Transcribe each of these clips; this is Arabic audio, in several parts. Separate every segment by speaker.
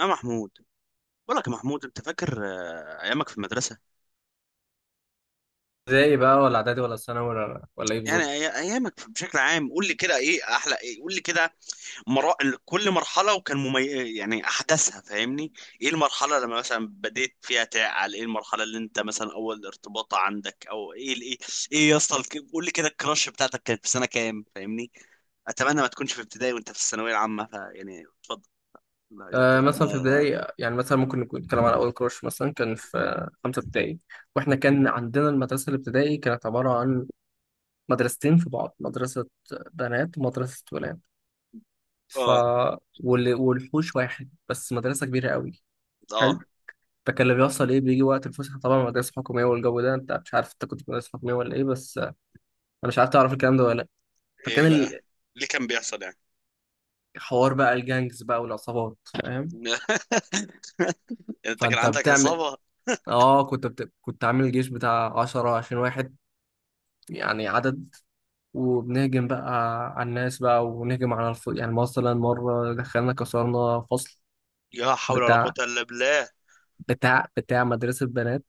Speaker 1: يا محمود، بقول لك يا محمود، انت فاكر ايامك في المدرسه.
Speaker 2: ابتدائي بقى ولا اعدادي ولا ثانوي ولا ايه
Speaker 1: يعني
Speaker 2: بالظبط؟
Speaker 1: ايامك بشكل عام، قول لي كده ايه احلى، ايه قول لي كده. مرا... كل مرحله وكان يعني احداثها، فاهمني؟ ايه المرحله لما مثلا بديت فيها تعقل؟ ايه المرحله اللي انت مثلا اول ارتباط عندك، او ايه ايه يا اسطى، قول لي كده، الكراش بتاعتك كانت في سنه كام؟ فاهمني، اتمنى ما تكونش في ابتدائي وانت في الثانويه العامه، فيعني اتفضل. لا، لا، لا،
Speaker 2: مثلا في
Speaker 1: لا.
Speaker 2: ابتدائي، يعني مثلا ممكن نكون نتكلم على اول كروش مثلا كان في خمسه ابتدائي. واحنا كان عندنا المدرسه الابتدائي كانت عباره عن مدرستين في بعض، مدرسه بنات ومدرسه ولاد، ف
Speaker 1: اه،
Speaker 2: والحوش واحد، بس مدرسه كبيره قوي،
Speaker 1: اه.
Speaker 2: حلو. فكان اللي بيحصل ايه، بيجي وقت الفسحه، طبعا مدرسه حكوميه والجو ده، انت مش عارف انت كنت في مدرسه حكوميه ولا ايه بس انا مش عارف تعرف الكلام ده ولا لا. فكان
Speaker 1: ايه بقى اللي كان بيحصل؟
Speaker 2: الحوار بقى الجانجز بقى والعصابات، فاهم؟
Speaker 1: يعني انت كان
Speaker 2: فانت
Speaker 1: عندك
Speaker 2: بتعمل،
Speaker 1: عصابة؟
Speaker 2: كنت عامل جيش بتاع عشرة عشرين واحد، يعني عدد، وبنهجم بقى على الناس بقى، ونهجم يعني مثلا مرة دخلنا كسرنا فصل
Speaker 1: لا حول ولا قوة
Speaker 2: بتاع
Speaker 1: الا بالله.
Speaker 2: بتاع مدرسة بنات،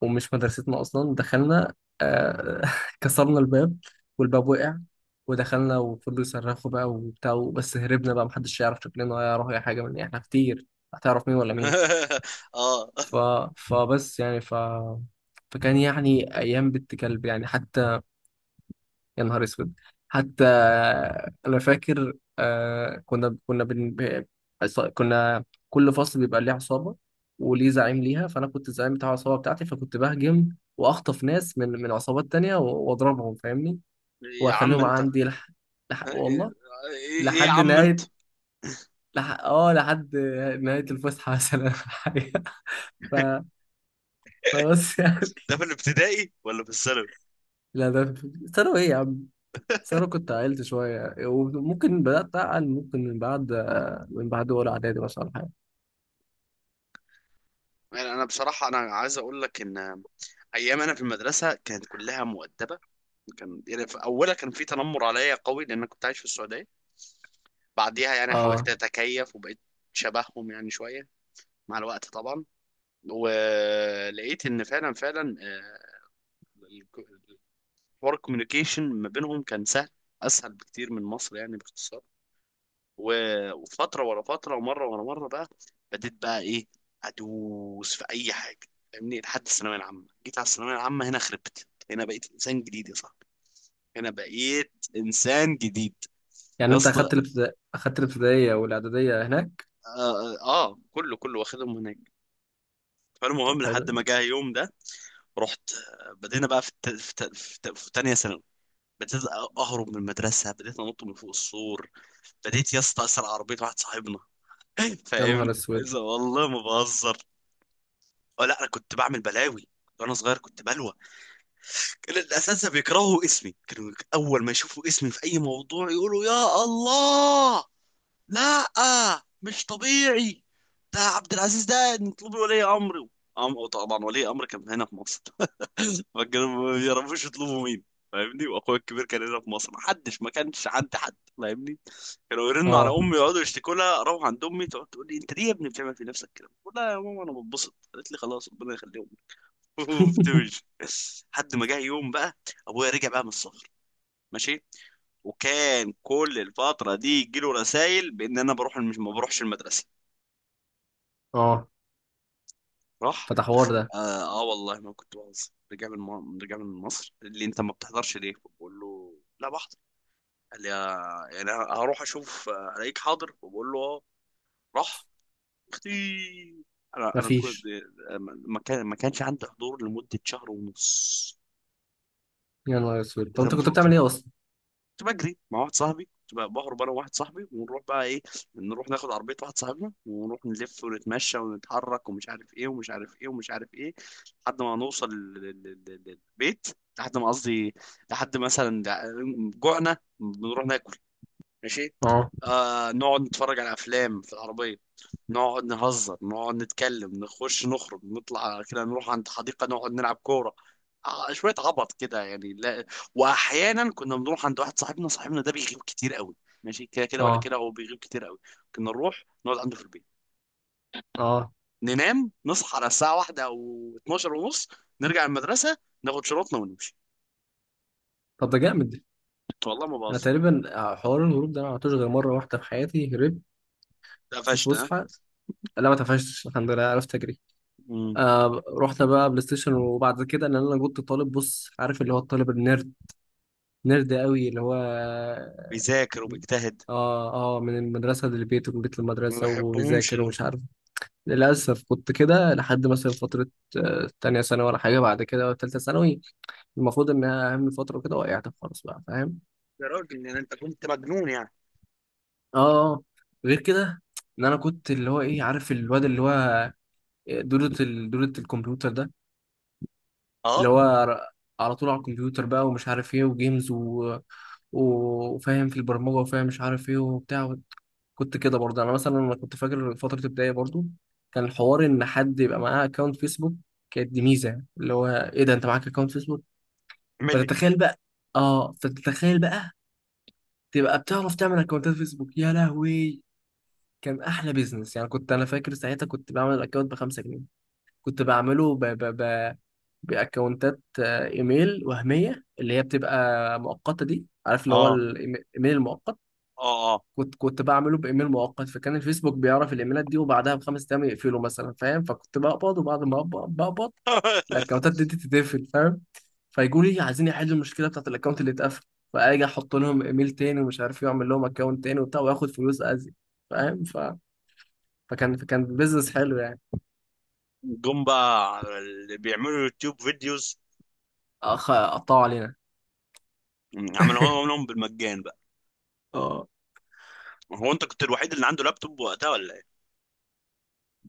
Speaker 2: ومش مدرستنا أصلا. دخلنا آه... كسرنا الباب، والباب وقع ودخلنا وفضلوا يصرخوا بقى وبتاع، بس هربنا بقى، محدش يعرف شكلنا ولا يعرف أي حاجة، من احنا كتير هتعرف مين ولا مين.
Speaker 1: اه.
Speaker 2: ف... فبس يعني ف فكان ايام بنت كلب يعني. حتى، يا نهار اسود، حتى انا فاكر، آه كنا كنا بن... ب- عص- كنا كل فصل بيبقى ليه عصابه وليه زعيم ليها، فانا كنت الزعيم بتاع العصابه بتاعتي، فكنت بهجم واخطف ناس من عصابات تانية واضربهم، فاهمني؟
Speaker 1: يا عم
Speaker 2: واخليهم
Speaker 1: انت.
Speaker 2: عندي
Speaker 1: ايه؟
Speaker 2: والله
Speaker 1: إيه يا
Speaker 2: لحد
Speaker 1: عم انت.
Speaker 2: نهايه لحد نهايه الفسحه مثلا حاجه. ف... فبس يعني.
Speaker 1: ده في الابتدائي ولا في الثانوي؟
Speaker 2: لا، ده ثانوي، ايه يا عم. بس انا كنت عقلت شويه، وممكن بدات اعقل ممكن من بعد اولى اعدادي مثلا ولا حاجه.
Speaker 1: يعني انا بصراحة انا عايز اقول لك ان ايام انا في المدرسة كانت كلها مؤدبة. كان يعني في اولها كان في تنمر عليا قوي، لان أنا كنت عايش في السعودية. بعديها يعني حاولت
Speaker 2: اه،
Speaker 1: اتكيف وبقيت شبههم يعني شوية مع الوقت طبعا. ولقيت ان فعلا فعلا آه، حوار الكوميونيكيشن ما بينهم كان سهل، اسهل بكتير من مصر يعني باختصار. و- وفتره ورا فتره، ومره ورا مره، بقى بديت بقى ايه؟ ادوس في اي حاجه، فاهمني؟ لحد الثانويه العامه، جيت على الثانويه العامه هنا خربت، هنا بقيت انسان جديد يا صاحبي. هنا بقيت انسان جديد.
Speaker 2: يعني
Speaker 1: يا
Speaker 2: انت
Speaker 1: اسطى.
Speaker 2: اخدت الابتدائيه والاعداديه هناك.
Speaker 1: اه، آه. كله كله واخدهم هناك.
Speaker 2: طب
Speaker 1: فالمهم
Speaker 2: حلو.
Speaker 1: لحد ما جه يوم ده، رحت بدينا بقى في في تانية ثانوي. بديت اهرب من المدرسه، بديت انط من فوق السور، بديت يا اسطى اسرق عربيه واحد صاحبنا.
Speaker 2: يا
Speaker 1: فاهمني،
Speaker 2: نهار اسود.
Speaker 1: إذا والله ما بهزر. أه لا، انا كنت بعمل بلاوي وانا صغير، كنت بلوى. كان الاساتذه بيكرهوا اسمي، كانوا اول ما يشوفوا اسمي في اي موضوع يقولوا يا الله، لا مش طبيعي، ده عبد العزيز ده، نطلبي ولي امره. طبعا ولي امر كان هنا في مصر، فكانوا ما بيعرفوش يطلبوا مين، فاهمني؟ واخويا الكبير كان هنا في مصر، ما حدش، ما كانش عندي حد، فاهمني؟ كانوا يرنوا على
Speaker 2: اه،
Speaker 1: امي، يقعدوا يشتكوا لها، اروح عند امي تقعد تقول لي انت ليه يا ابني بتعمل في نفسك كده؟ بقول لها يا ماما انا بتبسط، قالت لي خلاص ربنا يخليهم. وبتمشي. لحد ما جه يوم بقى، ابويا رجع بقى من السفر، ماشي. وكان كل الفتره دي يجي له رسايل بان انا بروح، مش ما بروحش المدرسه.
Speaker 2: اه.
Speaker 1: راح.
Speaker 2: فتح حوار ده؟
Speaker 1: اه، آه، والله ما كنت بهزر. رجع من مصر، اللي انت ما بتحضرش ليه؟ بقول له لا بحضر. قال لي يعني هروح اشوف الاقيك حاضر، وبقول له اه. راح. اختي، انا كنت
Speaker 2: مفيش.
Speaker 1: آه، ما كان ما كانش عندي حضور لمده شهر ونص.
Speaker 2: يا نهار اسود، طب
Speaker 1: ده
Speaker 2: انت كنت
Speaker 1: المفروض.
Speaker 2: بتعمل ايه اصلا؟
Speaker 1: كنت بجري مع واحد صاحبي، كنت بقى بهرب انا وواحد صاحبي، ونروح بقى ايه، نروح ناخد عربيه واحد صاحبنا ونروح نلف ونتمشى ونتحرك ومش عارف ايه ومش عارف ايه ومش عارف ايه، لحد ما نوصل للبيت. لحد ما قصدي، لحد مثلا جوعنا بنروح ناكل، ماشي.
Speaker 2: اه،
Speaker 1: نقعد نتفرج على افلام في العربيه، نقعد نهزر نقعد نتكلم نخش نخرج نطلع كده نروح عند حديقه نقعد نلعب كوره. شويه عبط كده، يعني لا. واحيانا كنا بنروح عند واحد صاحبنا، صاحبنا ده بيغيب كتير قوي، ماشي كده كده ولا
Speaker 2: اه،
Speaker 1: كده، هو بيغيب كتير قوي. كنا نروح نقعد عنده في البيت،
Speaker 2: اه.
Speaker 1: ننام نصحى على الساعه واحدة او 12 ونص، نرجع المدرسه، ناخد شنطنا ونمشي.
Speaker 2: طب ده جامد.
Speaker 1: والله ما
Speaker 2: انا
Speaker 1: بهزر.
Speaker 2: تقريبا حوار الهروب ده ما عملتوش غير مره واحده في حياتي، هربت في
Speaker 1: اتقفشت ها؟
Speaker 2: الفسحه. لا، ما اتقفشتش الحمد لله، عرفت اجري.
Speaker 1: مم.
Speaker 2: رحنا بقى بلاي ستيشن. وبعد كده، ان انا كنت طالب، بص، عارف اللي هو الطالب النيرد؟ نرد قوي، اللي هو
Speaker 1: بيذاكر وبيجتهد.
Speaker 2: اه من المدرسة للبيت ومن بيت
Speaker 1: ما
Speaker 2: للمدرسة،
Speaker 1: بحبهمش
Speaker 2: وبيذاكر
Speaker 1: دول.
Speaker 2: ومش عارف. للأسف كنت كده لحد مثلا فترة تانية ثانوي ولا حاجة، بعد كده تالتة ثانوي، المفروض إنها أهم فترة، وكده وقعت خالص بقى، فاهم؟
Speaker 1: يا راجل، يعني انت كنت مجنون يعني.
Speaker 2: اه. آه. غير كده، إن أنا كنت اللي هو، إيه، عارف الواد اللي هو دورة الكمبيوتر ده؟
Speaker 1: اه.
Speaker 2: اللي هو على طول على الكمبيوتر بقى ومش عارف ايه، وجيمز وفاهم في البرمجة، وفاهم مش عارف ايه وبتاع. كنت كده برضه يعني. انا مثلا، انا كنت فاكر فتره ابتدائي برضه، كان الحوار ان حد يبقى معاه اكونت فيسبوك، كانت دي ميزه، اللي هو ايه ده انت معاك اكونت فيسبوك؟
Speaker 1: اعمل لي.
Speaker 2: فتتخيل بقى اه فتتخيل بقى، تبقى بتعرف تعمل اكونتات فيسبوك، يا لهوي. كان احلى بيزنس يعني، كنت انا فاكر ساعتها كنت بعمل اكونت ب 5 جنيه. كنت بعمله ب ب ب باكونتات ايميل وهميه، اللي هي بتبقى مؤقته دي، عارف اللي هو
Speaker 1: اه،
Speaker 2: الايميل المؤقت؟
Speaker 1: اه، اه.
Speaker 2: كنت بعمله بايميل مؤقت، فكان الفيسبوك بيعرف الايميلات دي، وبعدها بخمس ايام يقفله مثلا، فاهم؟ فكنت بقبض، وبعد ما بقبض، الاكونتات دي تتقفل، فاهم؟ فيقولوا لي عايزين يحلوا المشكله بتاعت الاكونت اللي اتقفل، فاجي احط لهم ايميل تاني ومش عارف إيه، واعمل لهم اكونت تاني وبتاع، واخد فلوس ازيد، فاهم؟ ف... فكان فكان بيزنس حلو يعني.
Speaker 1: جم بقى اللي بيعملوا يوتيوب فيديوز،
Speaker 2: قطعوا علينا.
Speaker 1: عملوها لهم بالمجان بقى. هو انت كنت الوحيد اللي عنده لابتوب وقتها ولا ايه؟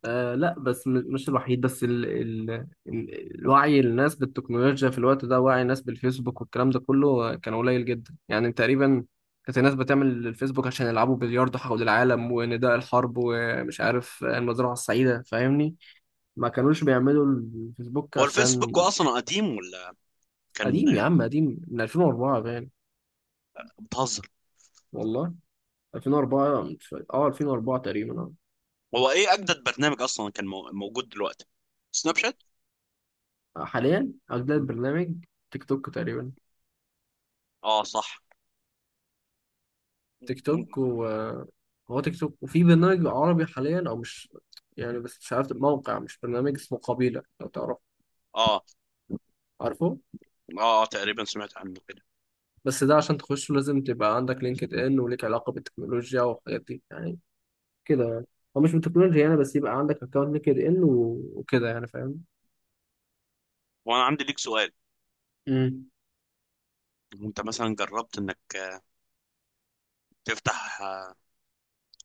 Speaker 2: لا، بس مش الوحيد، بس الوعي الناس بالتكنولوجيا في الوقت ده، وعي الناس بالفيسبوك والكلام ده كله كان قليل جدا يعني، تقريبا. كانت الناس بتعمل الفيسبوك عشان يلعبوا بلياردو حول العالم، ونداء الحرب، ومش عارف المزرعة السعيدة، فاهمني؟ ما كانوش بيعملوا الفيسبوك
Speaker 1: هو الفيسبوك
Speaker 2: عشان.
Speaker 1: اصلا قديم ولا
Speaker 2: قديم
Speaker 1: كان؟
Speaker 2: يا عم، قديم من 2004، باين.
Speaker 1: بتهزر.
Speaker 2: والله 2004 مش فاكر. اه 2004 تقريبا.
Speaker 1: هو ايه اجدد برنامج اصلا كان موجود دلوقتي؟ سناب شات.
Speaker 2: اه، حاليا أجداد برنامج، تيك توك تقريبا.
Speaker 1: اه صح.
Speaker 2: تيك توك. و هو تيك توك، وفي برنامج عربي حاليا، او مش يعني، بس مش عارف الموقع، مش برنامج اسمه قبيلة، لو تعرف،
Speaker 1: اه،
Speaker 2: عارفه؟
Speaker 1: اه، اه، تقريبا سمعت عنه كده.
Speaker 2: بس ده عشان تخشه لازم تبقى عندك لينكد ان، وليك علاقة بالتكنولوجيا والحاجات دي يعني، كده يعني. هو مش بالتكنولوجيا يعني، بس يبقى عندك اكونت لينكد ان وكده يعني، فاهم؟
Speaker 1: وانا عندي ليك سؤال،
Speaker 2: امم.
Speaker 1: انت مثلا جربت انك تفتح،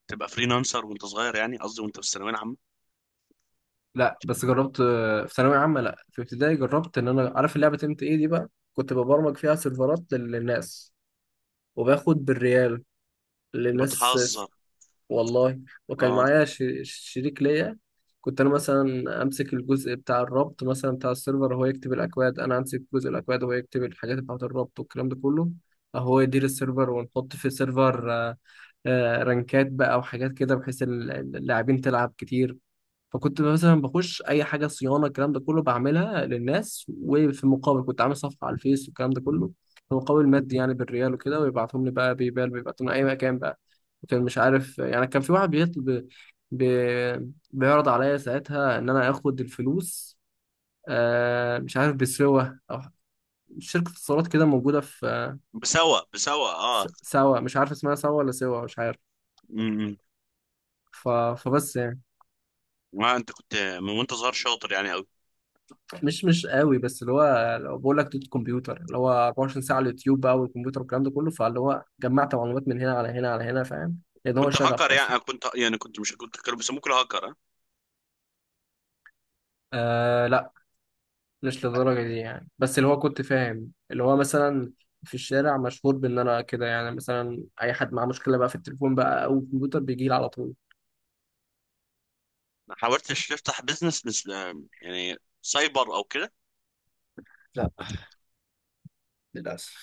Speaker 1: تبقى فريلانسر وانت صغير، يعني قصدي وانت في الثانويه العامه؟
Speaker 2: لا، بس جربت في ثانوية عامة، لا في ابتدائي، جربت ان انا عارف اللعبة ام تي ايه دي بقى، كنت ببرمج فيها سيرفرات للناس، وباخد بالريال للناس.
Speaker 1: بتهزر.
Speaker 2: والله. وكان
Speaker 1: اه.
Speaker 2: معايا شريك ليا. كنت انا مثلا امسك الجزء بتاع الربط مثلا، بتاع السيرفر، هو يكتب الاكواد، انا امسك جزء الاكواد وهو يكتب الحاجات بتاعه الربط والكلام ده كله. هو يدير السيرفر، ونحط في السيرفر رانكات بقى وحاجات كده، بحيث اللاعبين تلعب كتير. فكنت مثلا بخش اي حاجه صيانه، الكلام ده كله بعملها للناس، وفي المقابل كنت عامل صفحه على الفيس والكلام ده كله، في مقابل مادي يعني، بالريال وكده، ويبعتهم لي بقى بيبال، بيبعتهم لي اي مكان بقى. كان، مش عارف يعني، كان في واحد بيطلب بيعرض عليا ساعتها ان انا اخد الفلوس مش عارف، بسوا، او شركه اتصالات كده موجوده في
Speaker 1: بسوا بسوا، اه.
Speaker 2: سوا، مش عارف اسمها سوا ولا سوا، مش عارف.
Speaker 1: امم.
Speaker 2: ف... فبس يعني.
Speaker 1: ما انت كنت من وانت صغير شاطر يعني قوي.
Speaker 2: مش قوي، بس اللي هو لو بقول لك دوت كمبيوتر، اللي هو 24 ساعة على اليوتيوب بقى، والكمبيوتر والكلام ده كله، فاللي هو جمعت معلومات من هنا على هنا على هنا، فاهم؟ لأن هو
Speaker 1: كنت
Speaker 2: شغف
Speaker 1: هاكر يعني
Speaker 2: أصلا.
Speaker 1: كنت، يعني كنت، مش كنت، كانوا بيسموك الهاكر، اه.
Speaker 2: لا، مش للدرجة دي يعني، بس اللي هو كنت فاهم، اللي هو مثلا في الشارع مشهور بإن أنا كده يعني، مثلا أي حد معاه مشكلة بقى في التليفون بقى أو الكمبيوتر بيجي لي على طول.
Speaker 1: ما حاولتش تفتح بزنس مثل يعني سايبر او كده؟
Speaker 2: لا، للأسف.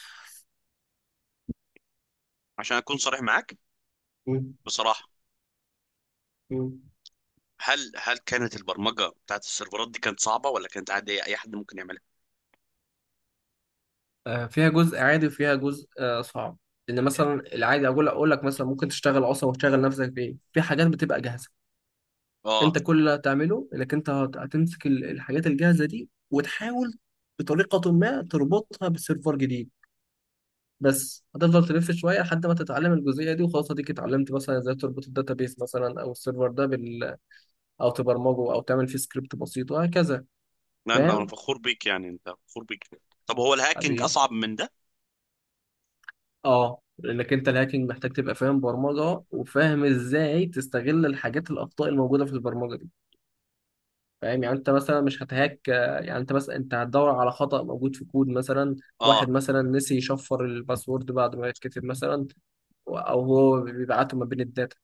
Speaker 1: عشان اكون صريح معاك،
Speaker 2: مم.
Speaker 1: بصراحه،
Speaker 2: مم.
Speaker 1: هل كانت البرمجه بتاعت السيرفرات دي كانت صعبه، ولا كانت عاديه اي حد ممكن يعملها؟
Speaker 2: فيها جزء عادي، وفيها جزء صعب. لان مثلا العادي، اقول لك مثلا، ممكن تشتغل اصلا، وتشغل نفسك بايه، في حاجات بتبقى جاهزه.
Speaker 1: اه
Speaker 2: انت كل اللي هتعمله انك انت هتمسك الحاجات الجاهزه دي، وتحاول بطريقه ما تربطها بسيرفر جديد. بس هتفضل تلف شويه لحد ما تتعلم الجزئيه دي، وخلاص اديك اتعلمت مثلا ازاي تربط الداتابيس مثلا، او السيرفر ده او تبرمجه، او تعمل فيه سكريبت بسيط، وهكذا،
Speaker 1: لا انت، انا
Speaker 2: فاهم؟
Speaker 1: فخور بيك، يعني انت فخور بيك. طب هو الهاكينج
Speaker 2: حبيبي.
Speaker 1: اصعب من ده؟
Speaker 2: اه، لانك انت الهاكينج محتاج تبقى فاهم برمجه، وفاهم ازاي تستغل الحاجات، الاخطاء الموجوده في البرمجه، فاهم يعني؟ انت مثلا مش هتهاك يعني، انت مثلا، انت هتدور على خطأ موجود في كود مثلا،
Speaker 1: اه.
Speaker 2: واحد مثلا نسي يشفر الباسورد بعد ما يتكتب مثلا، او هو بيبعته ما بين الداتا،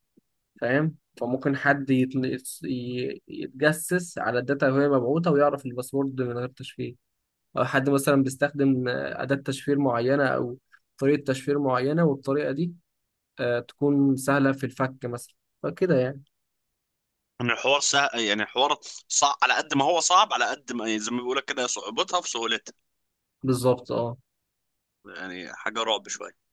Speaker 2: فاهم؟ فممكن حد يتجسس على الداتا وهي مبعوثه، ويعرف الباسورد من غير تشفير. او حد مثلا بيستخدم اداه تشفير معينه، او طريقه تشفير معينه، والطريقه دي تكون سهله في الفك مثلا، فكده يعني.
Speaker 1: ان الحوار يعني الحوار صعب على قد ما هو صعب، على قد ما يعني زي ما بيقول لك كده، صعوبتها في سهولتها.
Speaker 2: بالظبط، اه.
Speaker 1: يعني حاجه رعب شويه.